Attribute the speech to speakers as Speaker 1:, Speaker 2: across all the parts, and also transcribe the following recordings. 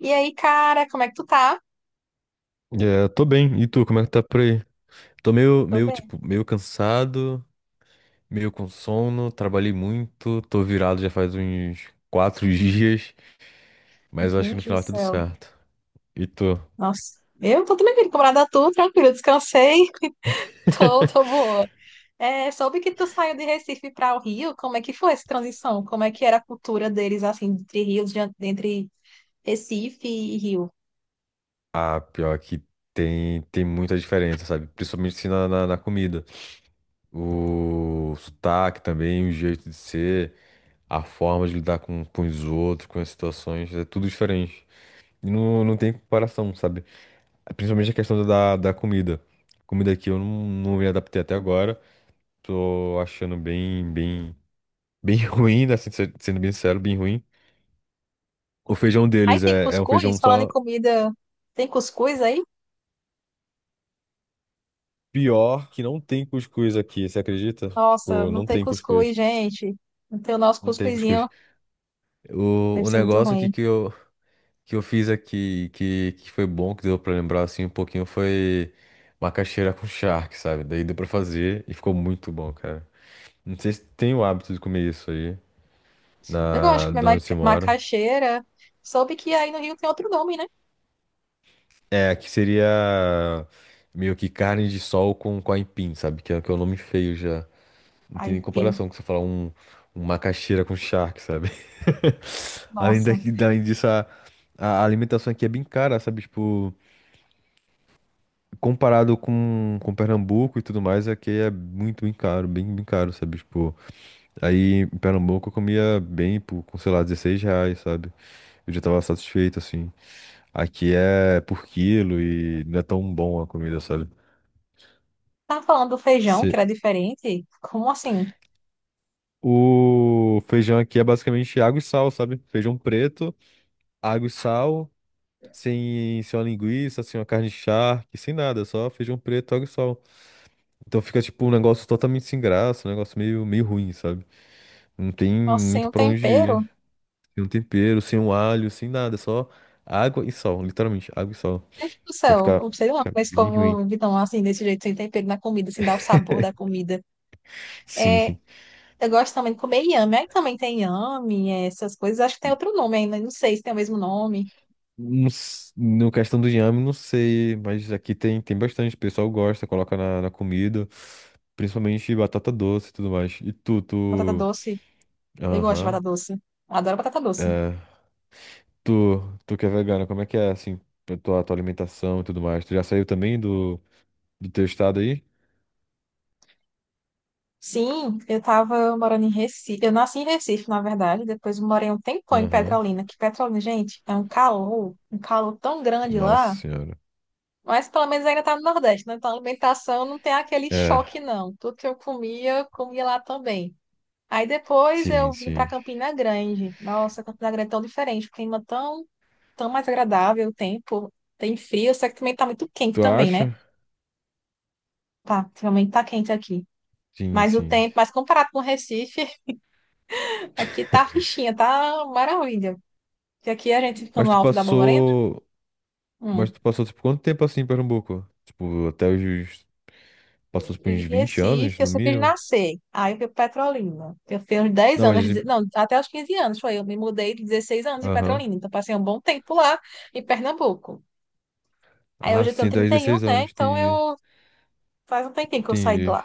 Speaker 1: E aí, cara, como é que tu tá?
Speaker 2: É, eu tô bem. E tu, como é que tá por aí? Tô meio,
Speaker 1: Tô
Speaker 2: meio,
Speaker 1: bem.
Speaker 2: tipo, meio cansado, meio com sono, trabalhei muito, tô virado já faz uns 4 dias, mas eu acho que no
Speaker 1: Gente do
Speaker 2: final é tudo
Speaker 1: céu.
Speaker 2: certo. E tu?
Speaker 1: Nossa, eu tô também bem, camarada, tu, tranquilo, descansei, tô boa. É, soube que tu saiu de Recife para o Rio, como é que foi essa transição? Como é que era a cultura deles, assim, entre rios, entre Recife e Rio?
Speaker 2: Ah, pior que tem muita diferença, sabe? Principalmente assim na comida. O sotaque também, o jeito de ser, a forma de lidar com os outros, com as situações, é tudo diferente. E não tem comparação, sabe? Principalmente a questão da comida. Comida aqui eu não me adaptei até agora. Tô achando bem, bem, bem ruim, né? Sendo bem sincero, bem ruim. O feijão
Speaker 1: Aí
Speaker 2: deles
Speaker 1: tem
Speaker 2: é um
Speaker 1: cuscuz,
Speaker 2: feijão
Speaker 1: falando em
Speaker 2: só
Speaker 1: comida, tem cuscuz aí?
Speaker 2: pior que não tem cuscuz aqui, você acredita?
Speaker 1: Nossa,
Speaker 2: Tipo,
Speaker 1: não
Speaker 2: não
Speaker 1: tem
Speaker 2: tem
Speaker 1: cuscuz,
Speaker 2: cuscuz.
Speaker 1: gente. Não tem o nosso
Speaker 2: Não tem cuscuz.
Speaker 1: cuscuzinho,
Speaker 2: O,
Speaker 1: deve
Speaker 2: o
Speaker 1: ser muito
Speaker 2: negócio aqui
Speaker 1: ruim.
Speaker 2: que eu fiz aqui, que foi bom, que deu pra lembrar assim um pouquinho, foi macaxeira com charque, sabe? Daí deu pra fazer e ficou muito bom, cara. Não sei se tem o hábito de comer isso aí.
Speaker 1: Eu gosto de comer
Speaker 2: De onde você mora.
Speaker 1: macaxeira, soube que aí no Rio tem outro nome, né?
Speaker 2: É, aqui seria meio que carne de sol com aipim, sabe? Que é o nome feio já. Não tem nem
Speaker 1: Aipim.
Speaker 2: comparação com você falar um macaxeira com charque, sabe? Além
Speaker 1: Nossa.
Speaker 2: daqui, além disso, a alimentação aqui é bem cara, sabe? Tipo, comparado com Pernambuco e tudo mais, aqui é muito, bem caro, bem, bem caro, sabe? Tipo, aí em Pernambuco eu comia bem, por, com, sei lá, 16 reais, sabe? Eu já tava satisfeito, assim. Aqui é por quilo e não é tão bom a comida, sabe?
Speaker 1: Tá falando do feijão, que
Speaker 2: Se...
Speaker 1: era diferente? Como assim?
Speaker 2: O feijão aqui é basicamente água e sal, sabe? Feijão preto, água e sal, sem uma linguiça, sem uma carne charque, sem nada, só feijão preto, água e sal. Então fica tipo um negócio totalmente sem graça, um negócio meio ruim, sabe? Não tem
Speaker 1: Nossa, sem
Speaker 2: muito
Speaker 1: o
Speaker 2: pra onde
Speaker 1: tempero?
Speaker 2: ir. Sem um tempero, sem um alho, sem nada, só água e sal, literalmente, água e sal.
Speaker 1: Meu Deus do
Speaker 2: Então
Speaker 1: céu, eu
Speaker 2: fica,
Speaker 1: não sei lá
Speaker 2: fica
Speaker 1: mas
Speaker 2: bem ruim.
Speaker 1: como esse assim, desse jeito, sem tempero na comida, sem dar o sabor da comida. É,
Speaker 2: Sim.
Speaker 1: eu gosto também de comer inhame. Aí também tem inhame, é, essas coisas. Acho que tem outro nome ainda, não sei se tem o mesmo nome.
Speaker 2: No questão do inhame, não sei, mas aqui tem bastante. O pessoal gosta, coloca na comida, principalmente batata doce e tudo mais. E tu,
Speaker 1: Batata
Speaker 2: tu.
Speaker 1: doce. Eu gosto de
Speaker 2: Aham.
Speaker 1: batata doce. Adoro batata doce.
Speaker 2: Tu, tu que é vegana, como é que é, assim, a tua alimentação e tudo mais? Tu já saiu também do teu estado aí?
Speaker 1: Sim, eu tava morando em Recife. Eu nasci em Recife, na verdade. Depois morei um tempão em
Speaker 2: Aham.
Speaker 1: Petrolina. Que Petrolina, gente, é um calor tão grande lá.
Speaker 2: Nossa senhora.
Speaker 1: Mas pelo menos ainda tá no Nordeste, né? Então a alimentação não tem aquele
Speaker 2: É,
Speaker 1: choque, não. Tudo que eu comia lá também. Aí depois
Speaker 2: sim,
Speaker 1: eu vim para
Speaker 2: sim.
Speaker 1: Campina Grande. Nossa, Campina Grande é tão diferente, o clima tão, tão mais agradável, o tempo tem frio, só que também tá muito quente
Speaker 2: Tu
Speaker 1: também, né?
Speaker 2: acha?
Speaker 1: Tá, realmente tá quente aqui.
Speaker 2: Sim,
Speaker 1: Mas o
Speaker 2: sim.
Speaker 1: tempo, mas comparado com o Recife, aqui tá fichinha, tá maravilha. Porque aqui a gente fica
Speaker 2: Mas
Speaker 1: no
Speaker 2: tu
Speaker 1: alto da Borborema.
Speaker 2: passou. Mas
Speaker 1: Hum.
Speaker 2: tu passou, tipo, quanto tempo assim em Pernambuco? Tipo, até os. Passou, tipo,
Speaker 1: Em
Speaker 2: uns 20 anos,
Speaker 1: Recife,
Speaker 2: no
Speaker 1: você fiz
Speaker 2: mínimo?
Speaker 1: nascer. Aí eu fui para Petrolina. Eu fiquei uns 10
Speaker 2: Não,
Speaker 1: anos,
Speaker 2: mas
Speaker 1: não, até os 15 anos foi. Eu me mudei de 16 anos em
Speaker 2: Aham.
Speaker 1: Petrolina. Então passei um bom tempo lá em Pernambuco. Aí
Speaker 2: Ah,
Speaker 1: hoje eu tenho
Speaker 2: sim, 10,
Speaker 1: 31,
Speaker 2: 16
Speaker 1: né?
Speaker 2: anos,
Speaker 1: Então
Speaker 2: entendi.
Speaker 1: eu faz um tempinho que eu saí de
Speaker 2: Entendi.
Speaker 1: lá.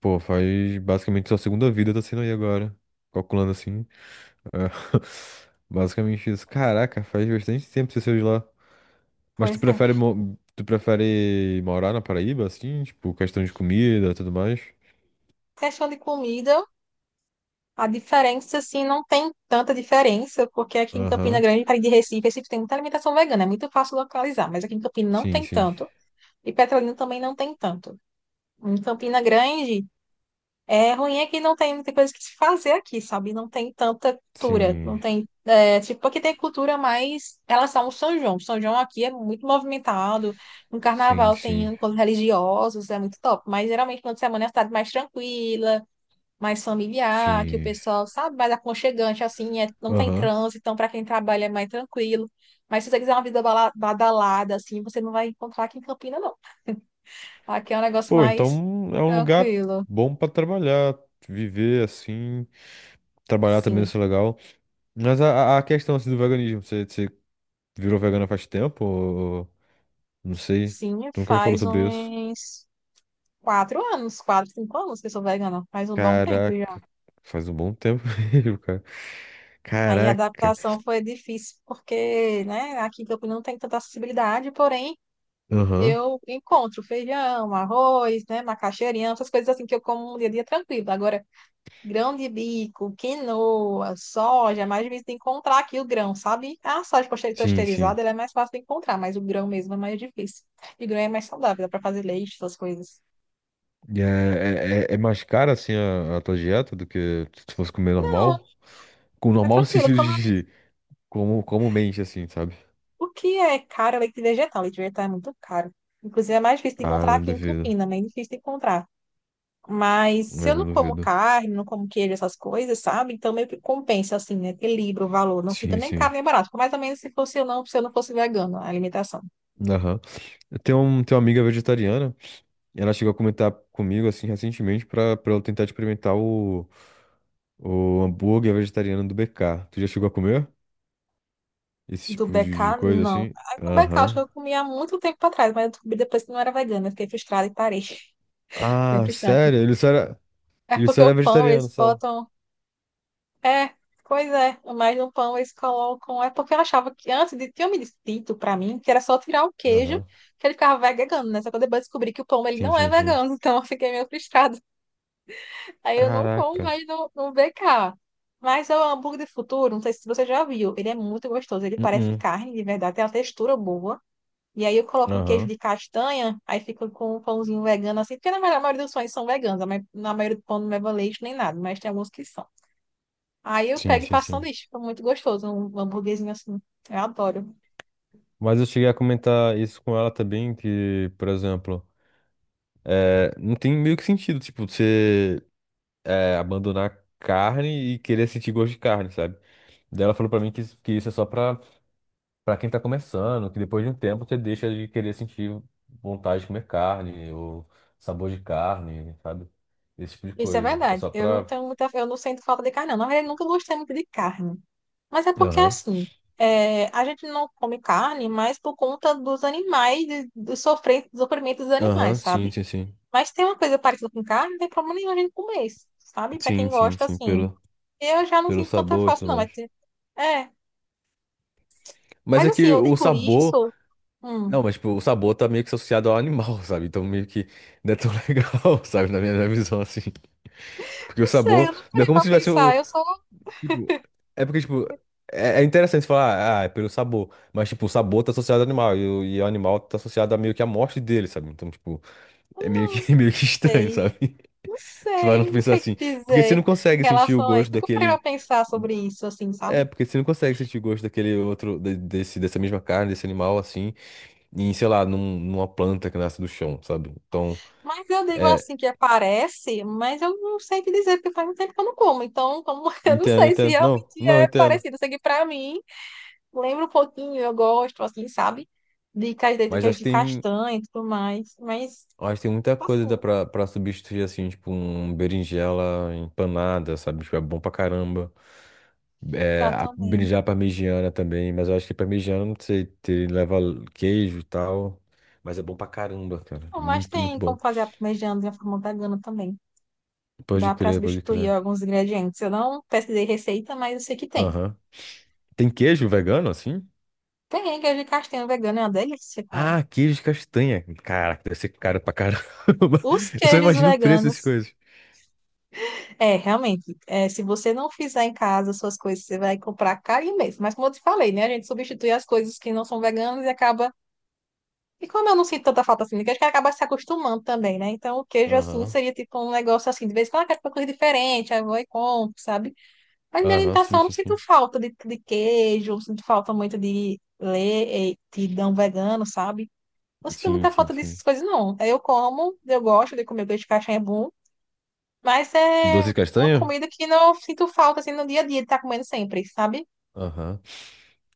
Speaker 2: Pô, faz basicamente sua segunda vida tá sendo aí agora. Calculando assim. É. Basicamente isso. Caraca, faz bastante tempo que você saiu de lá. Mas tu
Speaker 1: Pois é.
Speaker 2: prefere morar na Paraíba, assim? Tipo, questão de comida e tudo mais?
Speaker 1: Questão de comida, a diferença, assim, não tem tanta diferença, porque aqui em Campina
Speaker 2: Aham.
Speaker 1: Grande, para ir de Recife, Recife tem muita alimentação vegana, é muito fácil localizar, mas aqui em Campina não
Speaker 2: Sim,
Speaker 1: tem
Speaker 2: sim.
Speaker 1: tanto, e Petrolina também não tem tanto. Em Campina Grande, é ruim é que não tem muita coisa que se fazer aqui, sabe? Não tem tanta cultura, não
Speaker 2: Sim.
Speaker 1: tem, é, tipo, aqui tem cultura mais em relação ao São João. São João aqui é muito movimentado, no
Speaker 2: Sim,
Speaker 1: carnaval tem
Speaker 2: sim.
Speaker 1: encontros religiosos, é muito top, mas geralmente quando semana é uma cidade mais tranquila, mais familiar, que o
Speaker 2: Sim.
Speaker 1: pessoal, sabe, mais aconchegante, assim, é, não tem
Speaker 2: Aham.
Speaker 1: trânsito, então para quem trabalha é mais tranquilo. Mas se você quiser uma vida badalada, assim, você não vai encontrar aqui em Campina, não. Aqui é um negócio
Speaker 2: Pô,
Speaker 1: mais
Speaker 2: então é um lugar
Speaker 1: tranquilo,
Speaker 2: bom pra trabalhar, viver assim, trabalhar também deve
Speaker 1: sim.
Speaker 2: ser legal. Mas a questão assim do veganismo, você virou vegana faz tempo? Ou... Não sei.
Speaker 1: Sim,
Speaker 2: Tu nunca me falou
Speaker 1: faz
Speaker 2: sobre isso.
Speaker 1: uns 4 anos, quatro, 5 anos que eu sou vegana, faz um bom tempo já.
Speaker 2: Caraca, faz um bom tempo mesmo, cara.
Speaker 1: Aí a
Speaker 2: Caraca.
Speaker 1: adaptação foi difícil, porque, né, aqui em Campinas não tem tanta acessibilidade, porém
Speaker 2: Aham.
Speaker 1: eu encontro feijão, arroz, né, macaxeirinha, essas coisas assim que eu como no dia a dia tranquilo. Agora, grão de bico, quinoa, soja, é mais difícil de encontrar aqui o grão, sabe? A soja
Speaker 2: Sim, sim.
Speaker 1: pasteurizada, ela é mais fácil de encontrar, mas o grão mesmo é mais difícil. E grão é mais saudável, dá pra fazer leite, essas coisas.
Speaker 2: E é, é mais cara assim a tua dieta do que se tu fosse comer
Speaker 1: Não,
Speaker 2: normal? Com
Speaker 1: é
Speaker 2: normal no
Speaker 1: tranquilo.
Speaker 2: sentido
Speaker 1: Como
Speaker 2: de como mente assim, sabe?
Speaker 1: o que é caro é leite vegetal. Leite vegetal é muito caro. Inclusive, é mais difícil de
Speaker 2: Ah,
Speaker 1: encontrar
Speaker 2: não
Speaker 1: aqui em
Speaker 2: duvido.
Speaker 1: Campinas, né? É difícil de encontrar. Mas se
Speaker 2: É,
Speaker 1: eu não
Speaker 2: não
Speaker 1: como
Speaker 2: duvido.
Speaker 1: carne, não como queijo, essas coisas, sabe? Então meio que compensa, assim, né? Equilibra o valor. Não fica
Speaker 2: Sim,
Speaker 1: nem
Speaker 2: sim.
Speaker 1: caro nem barato. Fica mais ou menos se fosse eu não, se eu não fosse vegano, a alimentação.
Speaker 2: Aham. Eu tenho uma amiga vegetariana, e ela chegou a comentar comigo, assim, recentemente, pra eu tentar experimentar o hambúrguer vegetariano do BK. Tu já chegou a comer? Esse
Speaker 1: Do
Speaker 2: tipo de
Speaker 1: BK,
Speaker 2: coisa,
Speaker 1: não.
Speaker 2: assim?
Speaker 1: A do BK, acho que
Speaker 2: Aham.
Speaker 1: eu comia há muito tempo atrás, mas eu descobri depois que não era vegana. Eu fiquei frustrada e parei. Bem
Speaker 2: Ah,
Speaker 1: frustrante.
Speaker 2: sério? Ele só era,
Speaker 1: É porque o pão,
Speaker 2: vegetariano,
Speaker 1: eles
Speaker 2: só.
Speaker 1: botam. É, pois é. Mas no pão eles colocam. É porque eu achava que antes de tinha me dito pra mim que era só tirar o queijo
Speaker 2: Aham.
Speaker 1: que ele ficava vegano, né? Só que eu depois descobri que o pão ele
Speaker 2: Sim,
Speaker 1: não é
Speaker 2: sim, sim.
Speaker 1: vegano, então eu fiquei meio frustrada. Aí eu não como
Speaker 2: Caraca.
Speaker 1: mais no BK. Mas é o hambúrguer de futuro, não sei se você já viu. Ele é muito gostoso. Ele parece
Speaker 2: Uh-uh.
Speaker 1: carne, de verdade, tem uma textura boa. E aí eu coloco um queijo
Speaker 2: Aham.
Speaker 1: de castanha, aí fica com um pãozinho vegano assim, porque na verdade a maioria dos pães são veganos, mas na maioria do pão não leva leite nem nada, mas tem alguns que são. Aí eu
Speaker 2: Sim,
Speaker 1: pego e
Speaker 2: sim,
Speaker 1: faço
Speaker 2: sim.
Speaker 1: sanduíche. Fica muito gostoso, um hambúrguerzinho assim. Eu adoro.
Speaker 2: Mas eu cheguei a comentar isso com ela também, que, por exemplo, não tem meio que sentido, tipo, você abandonar carne e querer sentir gosto de carne, sabe? Daí ela falou pra mim que, isso é só pra, pra quem tá começando, que depois de um tempo você deixa de querer sentir vontade de comer carne, ou sabor de carne, sabe? Esse tipo de
Speaker 1: Isso é
Speaker 2: coisa. É
Speaker 1: verdade.
Speaker 2: só
Speaker 1: Eu não
Speaker 2: pra.
Speaker 1: tenho muita, eu não sinto falta de carne, não. Na verdade, eu nunca gostei muito de carne. Mas é porque
Speaker 2: Aham.
Speaker 1: assim, é, a gente não come carne mais por conta dos animais, do sofrimento dos
Speaker 2: Aham,
Speaker 1: animais, sabe?
Speaker 2: sim, sim, sim.
Speaker 1: Mas tem uma coisa parecida com carne, não tem problema nenhum a gente comer, sabe? Pra
Speaker 2: Sim,
Speaker 1: quem
Speaker 2: sim,
Speaker 1: gosta,
Speaker 2: sim,
Speaker 1: assim.
Speaker 2: pelo,
Speaker 1: Eu já não
Speaker 2: pelo
Speaker 1: sinto tanta
Speaker 2: sabor e
Speaker 1: falta,
Speaker 2: tudo
Speaker 1: não. Mas,
Speaker 2: mais.
Speaker 1: tem- é.
Speaker 2: Mas
Speaker 1: Mas
Speaker 2: é
Speaker 1: assim,
Speaker 2: que
Speaker 1: eu
Speaker 2: o
Speaker 1: digo
Speaker 2: sabor.
Speaker 1: isso. hum,
Speaker 2: Não, mas tipo, o sabor tá meio que associado ao animal, sabe? Então meio que não é tão legal, sabe? Na minha visão, assim. Porque o
Speaker 1: não sei, eu
Speaker 2: sabor.
Speaker 1: não
Speaker 2: Não é
Speaker 1: parei
Speaker 2: como
Speaker 1: pra
Speaker 2: se tivesse.
Speaker 1: pensar. Eu só.
Speaker 2: Tipo, é porque, tipo, é interessante falar, ah, é pelo sabor. Mas, tipo, o sabor tá associado ao animal. E o animal tá associado a meio que a morte dele, sabe? Então, tipo, é
Speaker 1: hum,
Speaker 2: meio
Speaker 1: Não
Speaker 2: que, é meio que estranho,
Speaker 1: sei.
Speaker 2: sabe?
Speaker 1: Não
Speaker 2: Você vai não
Speaker 1: sei, não
Speaker 2: pensar
Speaker 1: sei o que
Speaker 2: assim. Porque você
Speaker 1: dizer
Speaker 2: não consegue
Speaker 1: em
Speaker 2: sentir o
Speaker 1: relação a isso.
Speaker 2: gosto
Speaker 1: Nunca parei pra
Speaker 2: daquele.
Speaker 1: pensar sobre isso, assim,
Speaker 2: É,
Speaker 1: sabe?
Speaker 2: porque você não consegue sentir o gosto daquele outro, desse, dessa mesma carne, desse animal, assim, em, sei lá, numa planta que nasce do chão, sabe? Então,
Speaker 1: Mas eu digo
Speaker 2: é.
Speaker 1: assim que aparece, mas eu não sei o que dizer, porque faz um tempo que eu não como. Então, como eu não
Speaker 2: Entendo,
Speaker 1: sei se
Speaker 2: entendo. Não,
Speaker 1: realmente
Speaker 2: não
Speaker 1: é
Speaker 2: entendo.
Speaker 1: parecido. Eu sei que pra mim, lembra um pouquinho, eu gosto, assim, sabe? De castanha, que
Speaker 2: Mas
Speaker 1: é
Speaker 2: acho que
Speaker 1: de
Speaker 2: tem.
Speaker 1: castanha e tudo mais. Mas,
Speaker 2: Eu acho que tem muita coisa
Speaker 1: assim,
Speaker 2: dá pra substituir, assim, tipo, um berinjela empanada, sabe? Tipo, é bom pra caramba. É,
Speaker 1: dá
Speaker 2: a
Speaker 1: também.
Speaker 2: berinjela parmegiana também, mas eu acho que parmegiana, não sei, te leva queijo e tal. Mas é bom pra caramba, cara. É
Speaker 1: Não, mas
Speaker 2: muito, muito
Speaker 1: tem
Speaker 2: bom.
Speaker 1: como fazer a parmegiana de uma forma vegana também.
Speaker 2: Pode
Speaker 1: Dá pra
Speaker 2: crer, pode
Speaker 1: substituir
Speaker 2: crer.
Speaker 1: alguns ingredientes. Eu não pesquisei receita, mas eu sei que tem.
Speaker 2: Aham. Tem queijo vegano, assim?
Speaker 1: Tem queijo de castanha vegano, é uma delícia, cara.
Speaker 2: Ah, queijo de castanha. Caraca, deve ser caro pra caramba.
Speaker 1: Os
Speaker 2: Eu só
Speaker 1: queijos
Speaker 2: imagino o preço dessas
Speaker 1: veganos.
Speaker 2: coisas.
Speaker 1: É, realmente, é, se você não fizer em casa suas coisas, você vai comprar caro mesmo. Mas como eu te falei, né? A gente substitui as coisas que não são veganas e acaba. E como eu não sinto tanta falta assim de queijo, que acaba se acostumando também, né? Então o queijo assim
Speaker 2: Aham.
Speaker 1: seria tipo um negócio assim, de vez em quando eu quero uma coisa diferente, aí eu vou e compro, sabe? Mas minha
Speaker 2: Aham, sim,
Speaker 1: alimentação eu não
Speaker 2: sim,
Speaker 1: sinto
Speaker 2: sim.
Speaker 1: falta de queijo, não sinto falta muito de leite, não vegano, sabe? Não sinto
Speaker 2: Sim,
Speaker 1: muita
Speaker 2: sim,
Speaker 1: falta dessas
Speaker 2: sim.
Speaker 1: coisas, não. É, eu como, eu gosto de comer peixe de caixinha, é bom, mas é
Speaker 2: Doce de
Speaker 1: uma
Speaker 2: castanha?
Speaker 1: comida que não sinto falta, assim, no dia a dia, de estar comendo sempre, sabe?
Speaker 2: Aham.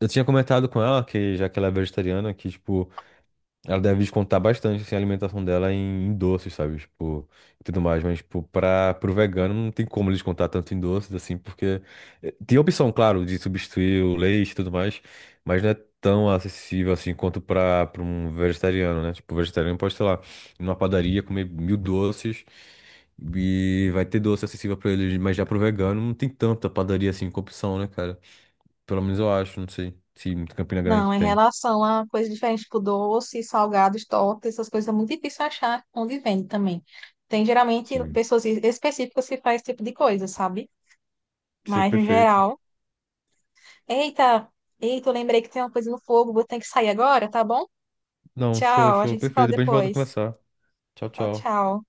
Speaker 2: Eu tinha comentado com ela que, já que ela é vegetariana, que, tipo, ela deve descontar bastante, assim, a alimentação dela em doces, sabe? Tipo, e tudo mais. Mas, tipo, pro vegano não tem como ele descontar tanto em doces, assim, porque tem a opção, claro, de substituir o leite e tudo mais, mas não é tão acessível, assim, quanto pra um vegetariano, né? Tipo, o vegetariano pode, sei lá, ir numa padaria, comer mil doces e vai ter doce acessível pra ele, mas já pro vegano não tem tanta padaria, assim, com opção, né, cara? Pelo menos eu acho, não sei se Campina Grande
Speaker 1: Não, em
Speaker 2: tem.
Speaker 1: relação a coisas diferentes, tipo doce, salgados, tortas, essas coisas é muito difícil achar onde vende também. Tem geralmente
Speaker 2: Sim.
Speaker 1: pessoas específicas que fazem esse tipo de coisa, sabe?
Speaker 2: Ser
Speaker 1: Mas no
Speaker 2: perfeito.
Speaker 1: geral. Eita, eita, eu lembrei que tem uma coisa no fogo, vou ter que sair agora, tá bom?
Speaker 2: Não, show,
Speaker 1: Tchau, a
Speaker 2: show,
Speaker 1: gente se
Speaker 2: perfeito.
Speaker 1: fala
Speaker 2: Depois a gente volta a
Speaker 1: depois.
Speaker 2: conversar. Tchau,
Speaker 1: Tchau,
Speaker 2: tchau.
Speaker 1: tchau.